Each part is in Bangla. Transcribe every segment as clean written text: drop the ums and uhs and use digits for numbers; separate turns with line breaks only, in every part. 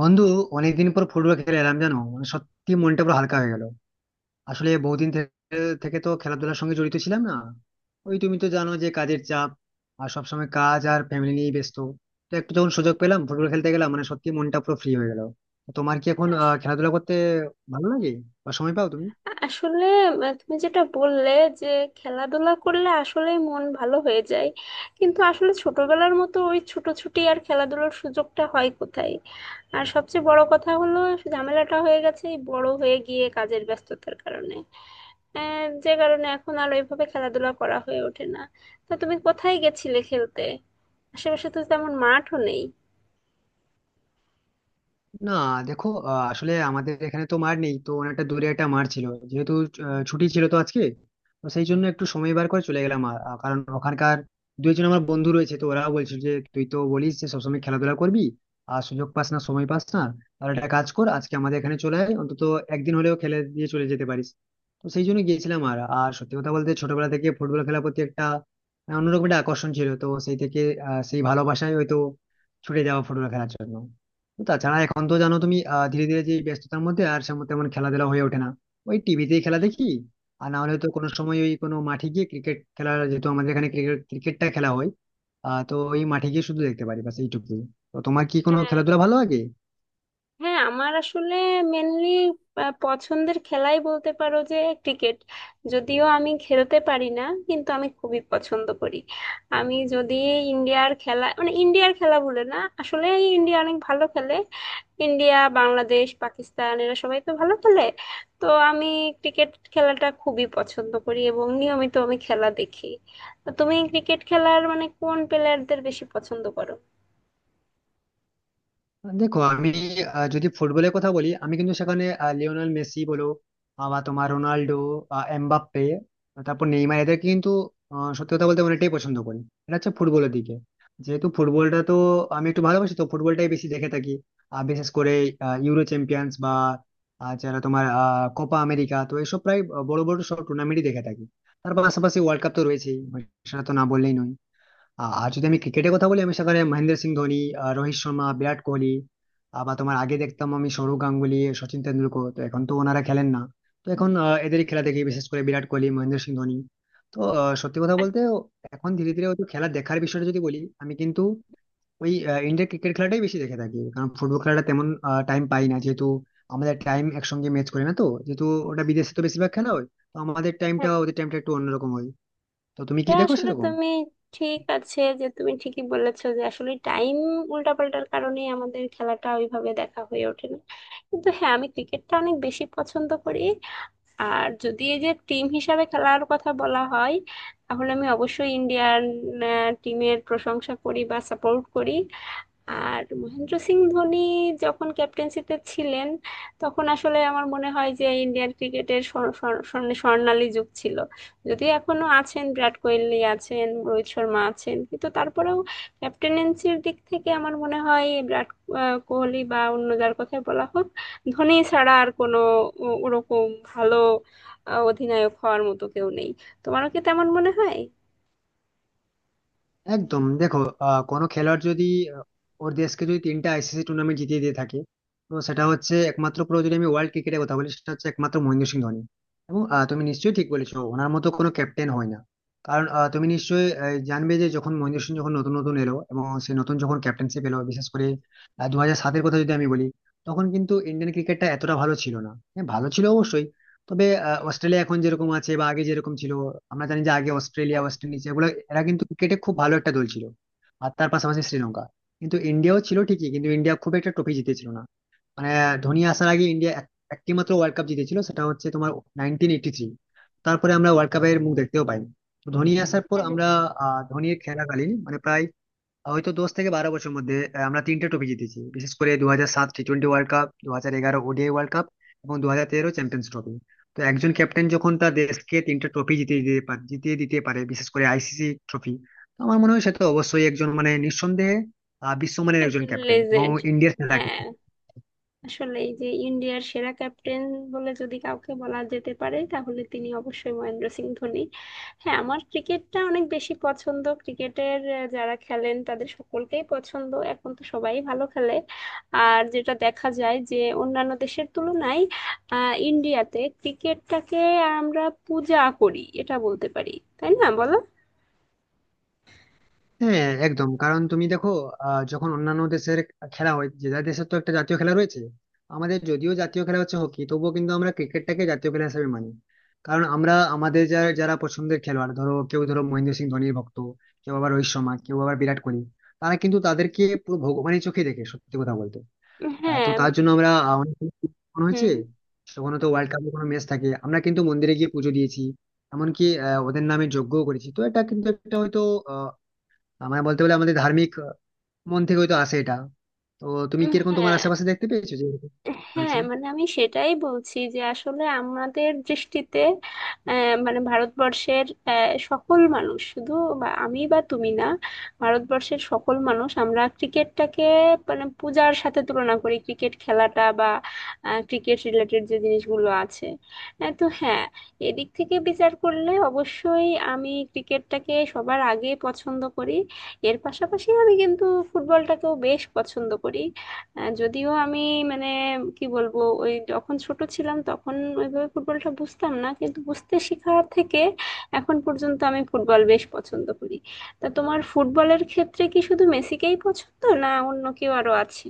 বন্ধু, অনেকদিন পর ফুটবল খেলে এলাম জানো, মানে সত্যি মনটা পুরো হালকা হয়ে গেল। আসলে বহুদিন থেকে তো খেলাধুলার সঙ্গে জড়িত ছিলাম না। ওই, তুমি তো জানো যে কাজের চাপ, আর সবসময় কাজ আর ফ্যামিলি নিয়ে ব্যস্ত। তো একটু যখন সুযোগ পেলাম ফুটবল খেলতে গেলাম, মানে সত্যি মনটা পুরো ফ্রি হয়ে গেল। তোমার কি এখন
আস-
খেলাধুলা করতে ভালো লাগে বা সময় পাও তুমি?
তুমি যেটা বললে, যে খেলাধুলা করলে আসলে মন ভালো হয়ে যায়। কিন্তু আসলে ছোটবেলার মতো ওই ছুটোছুটি আর খেলাধুলার সুযোগটা হয় কোথায়? আর সবচেয়ে বড় কথা হলো, ঝামেলাটা হয়ে গেছে এই বড় হয়ে গিয়ে কাজের ব্যস্ততার কারণে। যে কারণে এখন আর ওইভাবে খেলাধুলা করা হয়ে ওঠে না। তা তুমি কোথায় গেছিলে খেলতে? আশেপাশে তো তেমন মাঠও নেই।
না, দেখো আসলে আমাদের এখানে তো মার নেই, তো অনেকটা দূরে একটা মার ছিল। যেহেতু ছুটি ছিল তো আজকে, তো সেই জন্য একটু সময় বার করে চলে গেলাম। কারণ ওখানকার দুইজন আমার বন্ধু রয়েছে, তো ওরাও বলছিল যে তুই তো বলিস যে সবসময় খেলাধুলা করবি আর সুযোগ পাস না সময় পাস না, তাহলে একটা কাজ কর, আজকে আমাদের এখানে চলে আয়, অন্তত একদিন হলেও খেলে দিয়ে চলে যেতে পারিস। তো সেই জন্য গিয়েছিলাম। আর আর সত্যি কথা বলতে ছোটবেলা থেকে ফুটবল খেলার প্রতি একটা অন্যরকম একটা আকর্ষণ ছিল, তো সেই থেকে সেই ভালোবাসায় হয়তো ছুটে যাওয়া ফুটবল খেলার জন্য। তাছাড়া এখন তো জানো তুমি, ধীরে ধীরে যে ব্যস্ততার মধ্যে আর সেমন তেমন খেলাধুলা হয়ে ওঠে না, ওই টিভিতেই খেলা
আসলে
দেখি। আর না হলে তো কোনো সময় ওই কোনো মাঠে গিয়ে ক্রিকেট খেলা, যেহেতু আমাদের এখানে ক্রিকেটটা খেলা হয়। তো ওই মাঠে গিয়ে শুধু দেখতে পারি, বাস এইটুকুই। তো তোমার কি কোনো
হ্যাঁ,
খেলাধুলা ভালো লাগে?
আমার আসলে মেনলি পছন্দের খেলাই বলতে পারো যে ক্রিকেট। যদিও আমি খেলতে পারি না, কিন্তু আমি খুবই পছন্দ করি। আমি যদি ইন্ডিয়ার খেলা মানে ইন্ডিয়ার খেলা বলে না আসলে, ইন্ডিয়া অনেক ভালো খেলে। ইন্ডিয়া, বাংলাদেশ, পাকিস্তান এরা সবাই তো ভালো খেলে। তো আমি ক্রিকেট খেলাটা খুবই পছন্দ করি এবং নিয়মিত আমি খেলা দেখি। তো তুমি ক্রিকেট খেলার মানে কোন প্লেয়ারদের বেশি পছন্দ করো?
দেখো আমি যদি ফুটবলের কথা বলি আমি কিন্তু সেখানে লিওনেল মেসি বলো, বা তোমার রোনাল্ডো, এমবাপ্পে, তারপর নেইমার, এদেরকে কিন্তু সত্যি কথা বলতে অনেকটাই পছন্দ করি। এটা হচ্ছে ফুটবলের দিকে, যেহেতু ফুটবলটা তো আমি একটু ভালোবাসি, তো ফুটবলটাই বেশি দেখে থাকি। আর বিশেষ করে ইউরো চ্যাম্পিয়ন্স বা যারা তোমার কোপা আমেরিকা, তো এসব প্রায় বড় বড় সব টুর্নামেন্টই দেখে থাকি। তার পাশাপাশি ওয়ার্ল্ড কাপ তো রয়েছেই, সেটা তো না বললেই নয়। আর যদি আমি ক্রিকেটের কথা বলি, আমি সেখানে মহেন্দ্র সিং ধোনি, রোহিত শর্মা, বিরাট কোহলি, আবার তোমার আগে দেখতাম আমি সৌরভ গাঙ্গুলি, সচিন তেন্ডুলকর, তো এখন তো ওনারা খেলেন না। তো এখন এদেরই খেলা দেখি, বিশেষ করে বিরাট কোহলি, মহেন্দ্র সিং ধোনি। তো সত্যি কথা বলতে এখন ধীরে ধীরে হয়তো খেলা দেখার বিষয়টা যদি বলি, আমি কিন্তু ওই ইন্ডিয়ান ক্রিকেট খেলাটাই বেশি দেখে থাকি, কারণ ফুটবল খেলাটা তেমন টাইম পাই না, যেহেতু আমাদের টাইম একসঙ্গে ম্যাচ করে না, তো যেহেতু ওটা বিদেশে তো বেশিরভাগ খেলা হয়, তো আমাদের টাইমটা ওদের টাইমটা একটু অন্যরকম হয়। তো তুমি
এটা
কি দেখো
আসলে
সেরকম?
তুমি ঠিক আছে, যে তুমি ঠিকই বলেছো যে আসলে টাইম উল্টাপাল্টার কারণেই আমাদের খেলাটা ওইভাবে দেখা হয়ে ওঠে না। কিন্তু হ্যাঁ, আমি ক্রিকেটটা অনেক বেশি পছন্দ করি। আর যদি এই যে টিম হিসাবে খেলার কথা বলা হয়, তাহলে আমি অবশ্যই ইন্ডিয়ান টিমের প্রশংসা করি বা সাপোর্ট করি। আর মহেন্দ্র সিং ধোনি যখন ক্যাপ্টেন্সিতে ছিলেন, তখন আসলে আমার মনে হয় যে ইন্ডিয়ান ক্রিকেটের স্বর্ণালী যুগ ছিল। যদিও এখনো আছেন, বিরাট কোহলি আছেন, রোহিত শর্মা আছেন, কিন্তু তারপরেও ক্যাপ্টেনেন্সির দিক থেকে আমার মনে হয় বিরাট কোহলি বা অন্য যার কথাই বলা হোক, ধোনি ছাড়া আর কোনো ওরকম ভালো অধিনায়ক হওয়ার মতো কেউ নেই। তোমারও কি তেমন মনে হয়?
একদম। দেখো কোনো খেলোয়াড় যদি আহ, ওর দেশকে যদি তিনটা আইসিসি টুর্নামেন্ট জিতিয়ে দিয়ে থাকে, তো সেটা হচ্ছে একমাত্র, পুরো যদি আমি ওয়ার্ল্ড ক্রিকেটের কথা বলি সেটা হচ্ছে একমাত্র মহেন্দ্র সিং ধোনি। এবং তুমি নিশ্চয়ই ঠিক বলেছো, ওনার মতো কোনো ক্যাপ্টেন হয় না। কারণ তুমি নিশ্চয়ই জানবে যে যখন মহেন্দ্র সিং যখন নতুন নতুন এলো এবং সে নতুন যখন ক্যাপ্টেন্সি পেলো, বিশেষ করে 2007-এর কথা যদি আমি বলি, তখন কিন্তু ইন্ডিয়ান ক্রিকেটটা এতটা ভালো ছিল না, হ্যাঁ ভালো ছিল অবশ্যই, তবে অস্ট্রেলিয়া এখন যেরকম আছে বা আগে যেরকম ছিল, আমরা জানি যে আগে অস্ট্রেলিয়া,
হ্যাঁ।
ওয়েস্ট ইন্ডিজ, এগুলো এরা কিন্তু ক্রিকেটে খুব ভালো একটা দল ছিল। আর তার পাশাপাশি শ্রীলঙ্কা। কিন্তু ইন্ডিয়াও ছিল ঠিকই, কিন্তু ইন্ডিয়া খুব একটা ট্রফি জিতেছিল না, মানে ধোনি আসার আগে ইন্ডিয়া একটি মাত্র ওয়ার্ল্ড কাপ জিতেছিল, সেটা হচ্ছে তোমার 1983। তারপরে আমরা ওয়ার্ল্ড কাপের মুখ দেখতেও পাইনি। তো ধোনি আসার পর
হ্যাঁ, হ্যাঁ,
আমরা ধোনির খেলাকালীন, মানে প্রায় হয়তো 10 থেকে 12 বছরের মধ্যে আমরা তিনটে ট্রফি জিতেছি, বিশেষ করে দু হাজার সাত T twenty world cup, 2011 ODI world cup এবং 2013 চ্যাম্পিয়ন্স ট্রফি। তো একজন ক্যাপ্টেন যখন তার দেশকে তিনটে ট্রফি জিতিয়ে দিতে পারে বিশেষ করে আইসিসি ট্রফি, তো আমার মনে হয় সে তো অবশ্যই একজন, মানে নিঃসন্দেহে বিশ্বমানের একজন
একজন
ক্যাপ্টেন এবং
লেজেন্ড।
ইন্ডিয়ার সেরা captain।
হ্যাঁ, আসলে এই যে ইন্ডিয়ার সেরা ক্যাপ্টেন বলে যদি কাউকে বলা যেতে পারে, তাহলে তিনি অবশ্যই মহেন্দ্র সিং ধোনি। হ্যাঁ, আমার ক্রিকেটটা অনেক বেশি পছন্দ, ক্রিকেটের যারা খেলেন তাদের সকলকেই পছন্দ, এখন তো সবাই ভালো খেলে। আর যেটা দেখা যায় যে অন্যান্য দেশের তুলনায় আহ ইন্ডিয়াতে ক্রিকেটটাকে আমরা পূজা করি, এটা বলতে পারি। তাই না, বলো?
হ্যাঁ একদম, কারণ তুমি দেখো যখন অন্যান্য দেশের খেলা হয়, যে যার দেশের তো একটা জাতীয় খেলা রয়েছে। আমাদের যদিও জাতীয় খেলা হচ্ছে হকি, তবুও কিন্তু আমরা ক্রিকেটটাকে জাতীয় খেলা হিসেবে মানি। কারণ আমরা আমাদের যারা যারা পছন্দের খেলোয়াড়, ধরো কেউ ধরো মহেন্দ্র সিং ধোনির ভক্ত, কেউ আবার রোহিত শর্মা, কেউ আবার বিরাট কোহলি, তারা কিন্তু তাদেরকে পুরো ভগবানের চোখে দেখে সত্যি কথা বলতে। তো
হ্যাঁ।
তার জন্য আমরা অনেক মনে হয়েছে,
হুম।
কখনো তো ওয়ার্ল্ড কাপের কোনো ম্যাচ থাকে আমরা কিন্তু মন্দিরে গিয়ে পুজো দিয়েছি, এমনকি ওদের নামে যজ্ঞও করেছি। তো এটা কিন্তু একটা হয়তো আমার বলতে গেলে আমাদের ধার্মিক মন থেকে হয়তো আসে এটা। তো তুমি কিরকম তোমার
হ্যাঁ।
আশেপাশে দেখতে পেয়েছো যে এরকম আছে?
হ্যাঁ, মানে আমি সেটাই বলছি যে আসলে আমাদের দৃষ্টিতে মানে ভারতবর্ষের সকল মানুষ, শুধু বা আমি বা তুমি না, ভারতবর্ষের সকল মানুষ আমরা ক্রিকেটটাকে মানে পূজার সাথে তুলনা করি, ক্রিকেট খেলাটা বা ক্রিকেট রিলেটেড যে জিনিসগুলো আছে। তো হ্যাঁ, এদিক থেকে বিচার করলে অবশ্যই আমি ক্রিকেটটাকে সবার আগে পছন্দ করি। এর পাশাপাশি আমি কিন্তু ফুটবলটাকেও বেশ পছন্দ করি। যদিও আমি মানে কি বলবো, ওই যখন ছোট ছিলাম তখন ওইভাবে ফুটবলটা বুঝতাম না, কিন্তু বুঝতে শেখার থেকে এখন পর্যন্ত আমি ফুটবল বেশ পছন্দ করি। তা তোমার ফুটবলের ক্ষেত্রে কি শুধু মেসিকেই পছন্দ না অন্য কেউ আরো আছে?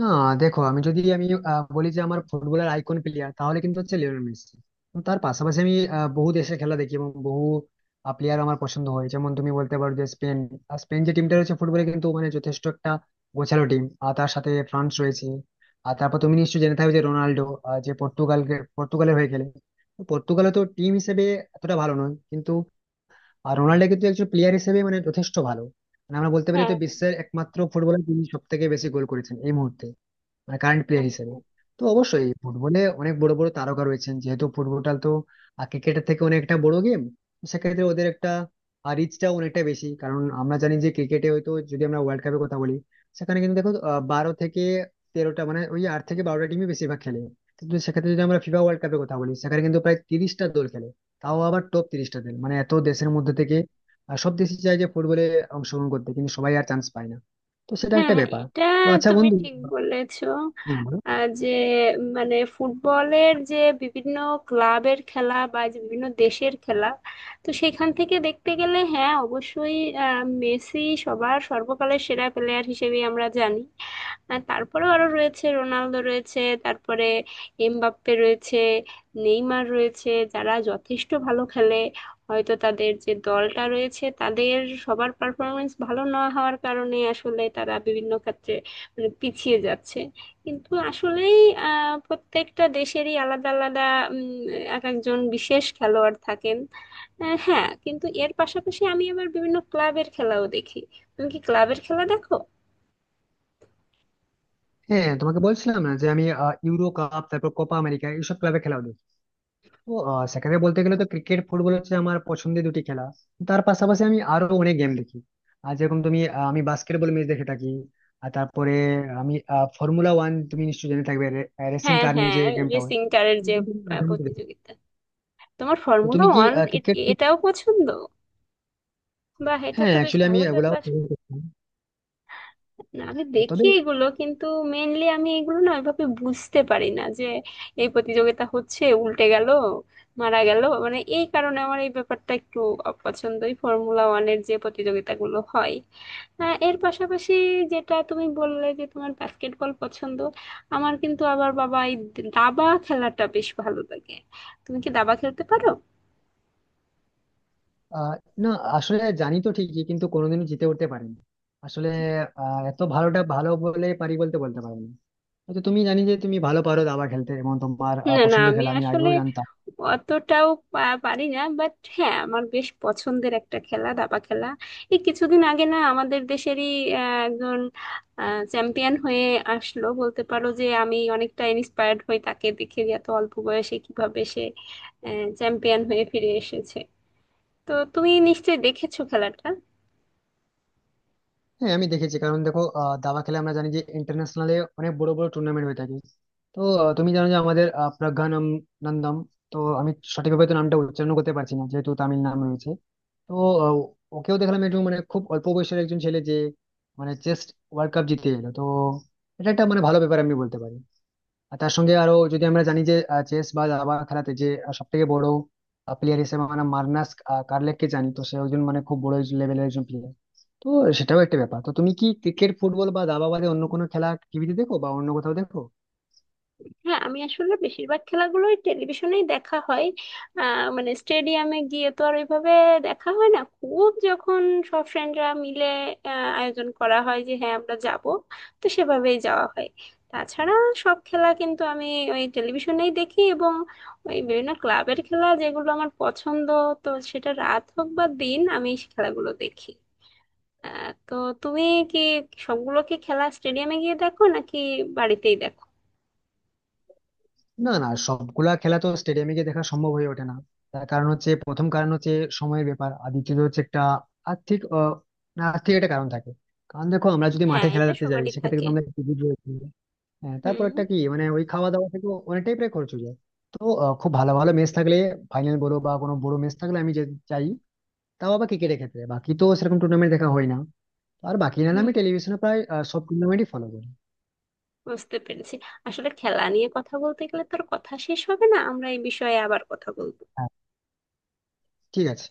না, দেখো আমি যদি আমি বলি যে আমার ফুটবলের আইকন প্লেয়ার, তাহলে কিন্তু হচ্ছে লিওনেল মেসি। এবং তার পাশাপাশি আমি বহু দেশের খেলা দেখি এবং বহু প্লেয়ার আমার পছন্দ হয়, যেমন তুমি বলতে পারো যে স্পেন। আর স্পেন যে টিমটা রয়েছে ফুটবলে কিন্তু মানে যথেষ্ট একটা গোছালো টিম। আর তার সাথে ফ্রান্স রয়েছে। আর তারপর তুমি নিশ্চয়ই জেনে থাকবে যে রোনাল্ডো যে পর্তুগাল, পর্তুগালের হয়ে খেলে। তো পর্তুগালে তো টিম হিসেবে এতটা ভালো নয় কিন্তু, আর রোনাল্ডো কিন্তু একজন প্লেয়ার হিসেবে মানে যথেষ্ট ভালো। মানে আমরা বলতে পারি
হ্যাঁ।
তো বিশ্বের একমাত্র ফুটবলার যিনি সব থেকে বেশি গোল করেছেন এই মুহূর্তে, মানে কারেন্ট
হ্যাঁ।
প্লেয়ার হিসেবে।
হ্যাঁ।
তো অবশ্যই ফুটবলে অনেক বড় বড় তারকা রয়েছেন, যেহেতু ফুটবলটা তো ক্রিকেটের থেকে অনেকটা বড় গেম, সেক্ষেত্রে ওদের একটা রিচটা অনেকটা বেশি। কারণ আমরা জানি যে ক্রিকেটে হয়তো যদি আমরা ওয়ার্ল্ড কাপের কথা বলি, সেখানে কিন্তু দেখো 12 থেকে 13টা, মানে ওই 8 থেকে 12টা টিমই বেশিরভাগ খেলে। কিন্তু সেক্ষেত্রে যদি আমরা ফিফা ওয়ার্ল্ড কাপের কথা বলি, সেখানে কিন্তু প্রায় 30টা দল খেলে, তাও আবার টপ 30টা দল, মানে এত দেশের মধ্যে থেকে সব দেশই চায় যে ফুটবলে অংশগ্রহণ করতে, কিন্তু সবাই আর চান্স পায় না। তো সেটা
হ্যাঁ,
একটা
হ্যাঁ,
ব্যাপার।
এটা
তো আচ্ছা
তুমি
বন্ধু,
ঠিক বলেছো।
হ্যাঁ বলো।
যে মানে ফুটবলের যে বিভিন্ন ক্লাবের খেলা বা যে বিভিন্ন দেশের খেলা, তো সেখান থেকে দেখতে গেলে হ্যাঁ অবশ্যই মেসি সবার সর্বকালের সেরা প্লেয়ার হিসেবে আমরা জানি। আর তারপরেও আরো রয়েছে, রোনালদো রয়েছে, তারপরে এমবাপ্পে রয়েছে, নেইমার রয়েছে, যারা যথেষ্ট ভালো খেলে। হয়তো তাদের যে দলটা রয়েছে তাদের সবার পারফরমেন্স ভালো না হওয়ার কারণে আসলে তারা বিভিন্ন ক্ষেত্রে মানে পিছিয়ে যাচ্ছে। কিন্তু আসলেই আহ প্রত্যেকটা দেশেরই আলাদা আলাদা উম, এক একজন বিশেষ খেলোয়াড় থাকেন। হ্যাঁ, কিন্তু এর পাশাপাশি আমি আবার বিভিন্ন ক্লাবের খেলাও দেখি। তুমি কি ক্লাবের খেলা দেখো?
হ্যাঁ, তোমাকে বলছিলাম না যে আমি ইউরো কাপ, তারপর কোপা আমেরিকা, এইসব ক্লাবে খেলাও দেখি। তো সেখানে বলতে গেলে তো ক্রিকেট ফুটবল হচ্ছে আমার পছন্দের দুটি খেলা। তার পাশাপাশি আমি আরো অনেক গেম দেখি। আর যেরকম তুমি আমি বাস্কেটবল ম্যাচ দেখে থাকি। আর তারপরে আমি ফর্মুলা ওয়ান, তুমি নিশ্চয়ই জেনে থাকবে, রেসিং
হ্যাঁ।
কার নিয়ে
হ্যাঁ।
যে গেমটা হয়,
রেসিং কারের
এই
যে
গেমটা আমি মাঝে মধ্যে দেখি।
প্রতিযোগিতা, তোমার
তো
ফর্মুলা
তুমি কি
ওয়ান
ক্রিকেট?
এটাও পছন্দ? বাহ, এটা
হ্যাঁ
তো বেশ
অ্যাকচুয়ালি আমি
ভালো
এগুলাও
ব্যাপার।
খেলি।
না, আমি দেখি
তবে
এগুলো, কিন্তু মেনলি আমি এগুলো না ওইভাবে বুঝতে পারি না যে এই প্রতিযোগিতা হচ্ছে, উল্টে গেল, মারা গেল, মানে এই কারণে আমার এই ব্যাপারটা একটু অপছন্দ, এই ফর্মুলা ওয়ানের যে প্রতিযোগিতাগুলো হয়। হ্যাঁ, এর পাশাপাশি যেটা তুমি বললে যে তোমার বাস্কেটবল পছন্দ, আমার কিন্তু আবার বাবা এই দাবা খেলাটা বেশ ভালো লাগে। তুমি কি দাবা খেলতে পারো?
আহ না, আসলে জানি তো ঠিকই, কিন্তু কোনোদিনও জিতে উঠতে পারিনি আসলে। এত ভালোটা ভালো বলে পারি, বলতে বলতে পারবো না, হয়তো তুমি জানি যে তুমি ভালো পারো দাবা খেলতে এবং তোমার
না না,
পছন্দের
আমি
খেলা আমি
আসলে
আগেও জানতাম।
অতটাও পারি না, বাট হ্যাঁ আমার বেশ পছন্দের একটা খেলা দাবা খেলা। এই কিছুদিন আগে না আমাদের দেশেরই একজন চ্যাম্পিয়ন হয়ে আসলো, বলতে পারো যে আমি অনেকটা ইন্সপায়ার্ড হই তাকে দেখে যে এত অল্প বয়সে কিভাবে সে চ্যাম্পিয়ন হয়ে ফিরে এসেছে। তো তুমি নিশ্চয়ই দেখেছো খেলাটা।
হ্যাঁ আমি দেখেছি, কারণ দেখো দাবা খেলা আমরা জানি যে ইন্টারন্যাশনালে অনেক বড় বড় টুর্নামেন্ট হয়ে থাকে। তো তুমি জানো যে আমাদের প্রজ্ঞানম নন্দম, তো আমি সঠিকভাবে তো নামটা উচ্চারণ করতে পারছি না যেহেতু তামিল নাম রয়েছে। তো আহ, ওকেও দেখলাম, একটু মানে খুব অল্প বয়সের একজন ছেলে যে মানে চেস ওয়ার্ল্ড কাপ জিতে এলো। তো এটা একটা মানে ভালো ব্যাপার আমি বলতে পারি। আর তার সঙ্গে আরো যদি আমরা জানি যে চেস বা দাবা খেলাতে যে সব থেকে বড় প্লেয়ার হিসেবে মানে মার্নাস কার্লেককে জানি তো, সে একজন মানে খুব বড় লেভেলের একজন প্লেয়ার। তো সেটাও একটা ব্যাপার। তো তুমি কি ক্রিকেট ফুটবল বা দাবা বাদে অন্য কোনো খেলা টিভিতে দেখো বা অন্য কোথাও দেখো?
হ্যাঁ, আমি আসলে বেশিরভাগ খেলাগুলোই টেলিভিশনেই দেখা হয়। মানে স্টেডিয়ামে গিয়ে তো আর ওইভাবে দেখা হয় না, খুব যখন সব ফ্রেন্ডরা মিলে আয়োজন করা হয় যে হ্যাঁ আমরা যাব, তো সেভাবেই যাওয়া হয়। তাছাড়া সব খেলা কিন্তু আমি ওই টেলিভিশনেই দেখি, এবং ওই বিভিন্ন ক্লাবের খেলা যেগুলো আমার পছন্দ, তো সেটা রাত হোক বা দিন আমি সেই খেলাগুলো দেখি। তো তুমি কি সবগুলো কি খেলা স্টেডিয়ামে গিয়ে দেখো নাকি বাড়িতেই দেখো?
না না, সবগুলা খেলা তো স্টেডিয়ামে গিয়ে দেখা সম্ভব হয়ে ওঠে না। তার কারণ হচ্ছে, প্রথম কারণ হচ্ছে সময়ের ব্যাপার, আর দ্বিতীয়ত হচ্ছে একটা আর্থিক না আর্থিক একটা কারণ থাকে। কারণ দেখো আমরা যদি
হ্যাঁ,
মাঠে খেলা
এটা
দেখতে যাই
সবারই
সেক্ষেত্রে
থাকে।
কিন্তু আমরা, টিকিট রয়েছে, হ্যাঁ, তারপর
হুম।
একটা কি মানে ওই খাওয়া দাওয়া থেকে অনেকটাই প্রায় খরচ হয়ে যায়। তো খুব ভালো ভালো ম্যাচ থাকলে ফাইনাল বলো বা কোনো বড় ম্যাচ থাকলে আমি যে চাই, তাও আবার ক্রিকেটের ক্ষেত্রে বাকি তো সেরকম টুর্নামেন্ট দেখা হয় না। আর বাকি না হলে
হুম,
আমি টেলিভিশনে প্রায় সব টুর্নামেন্টই ফলো করি।
বুঝতে পেরেছি। আসলে খেলা নিয়ে কথা বলতে গেলে তো আর কথা শেষ হবে না, আমরা এই বিষয়ে আবার কথা বলবো।
হ্যাঁ, ঠিক আছে।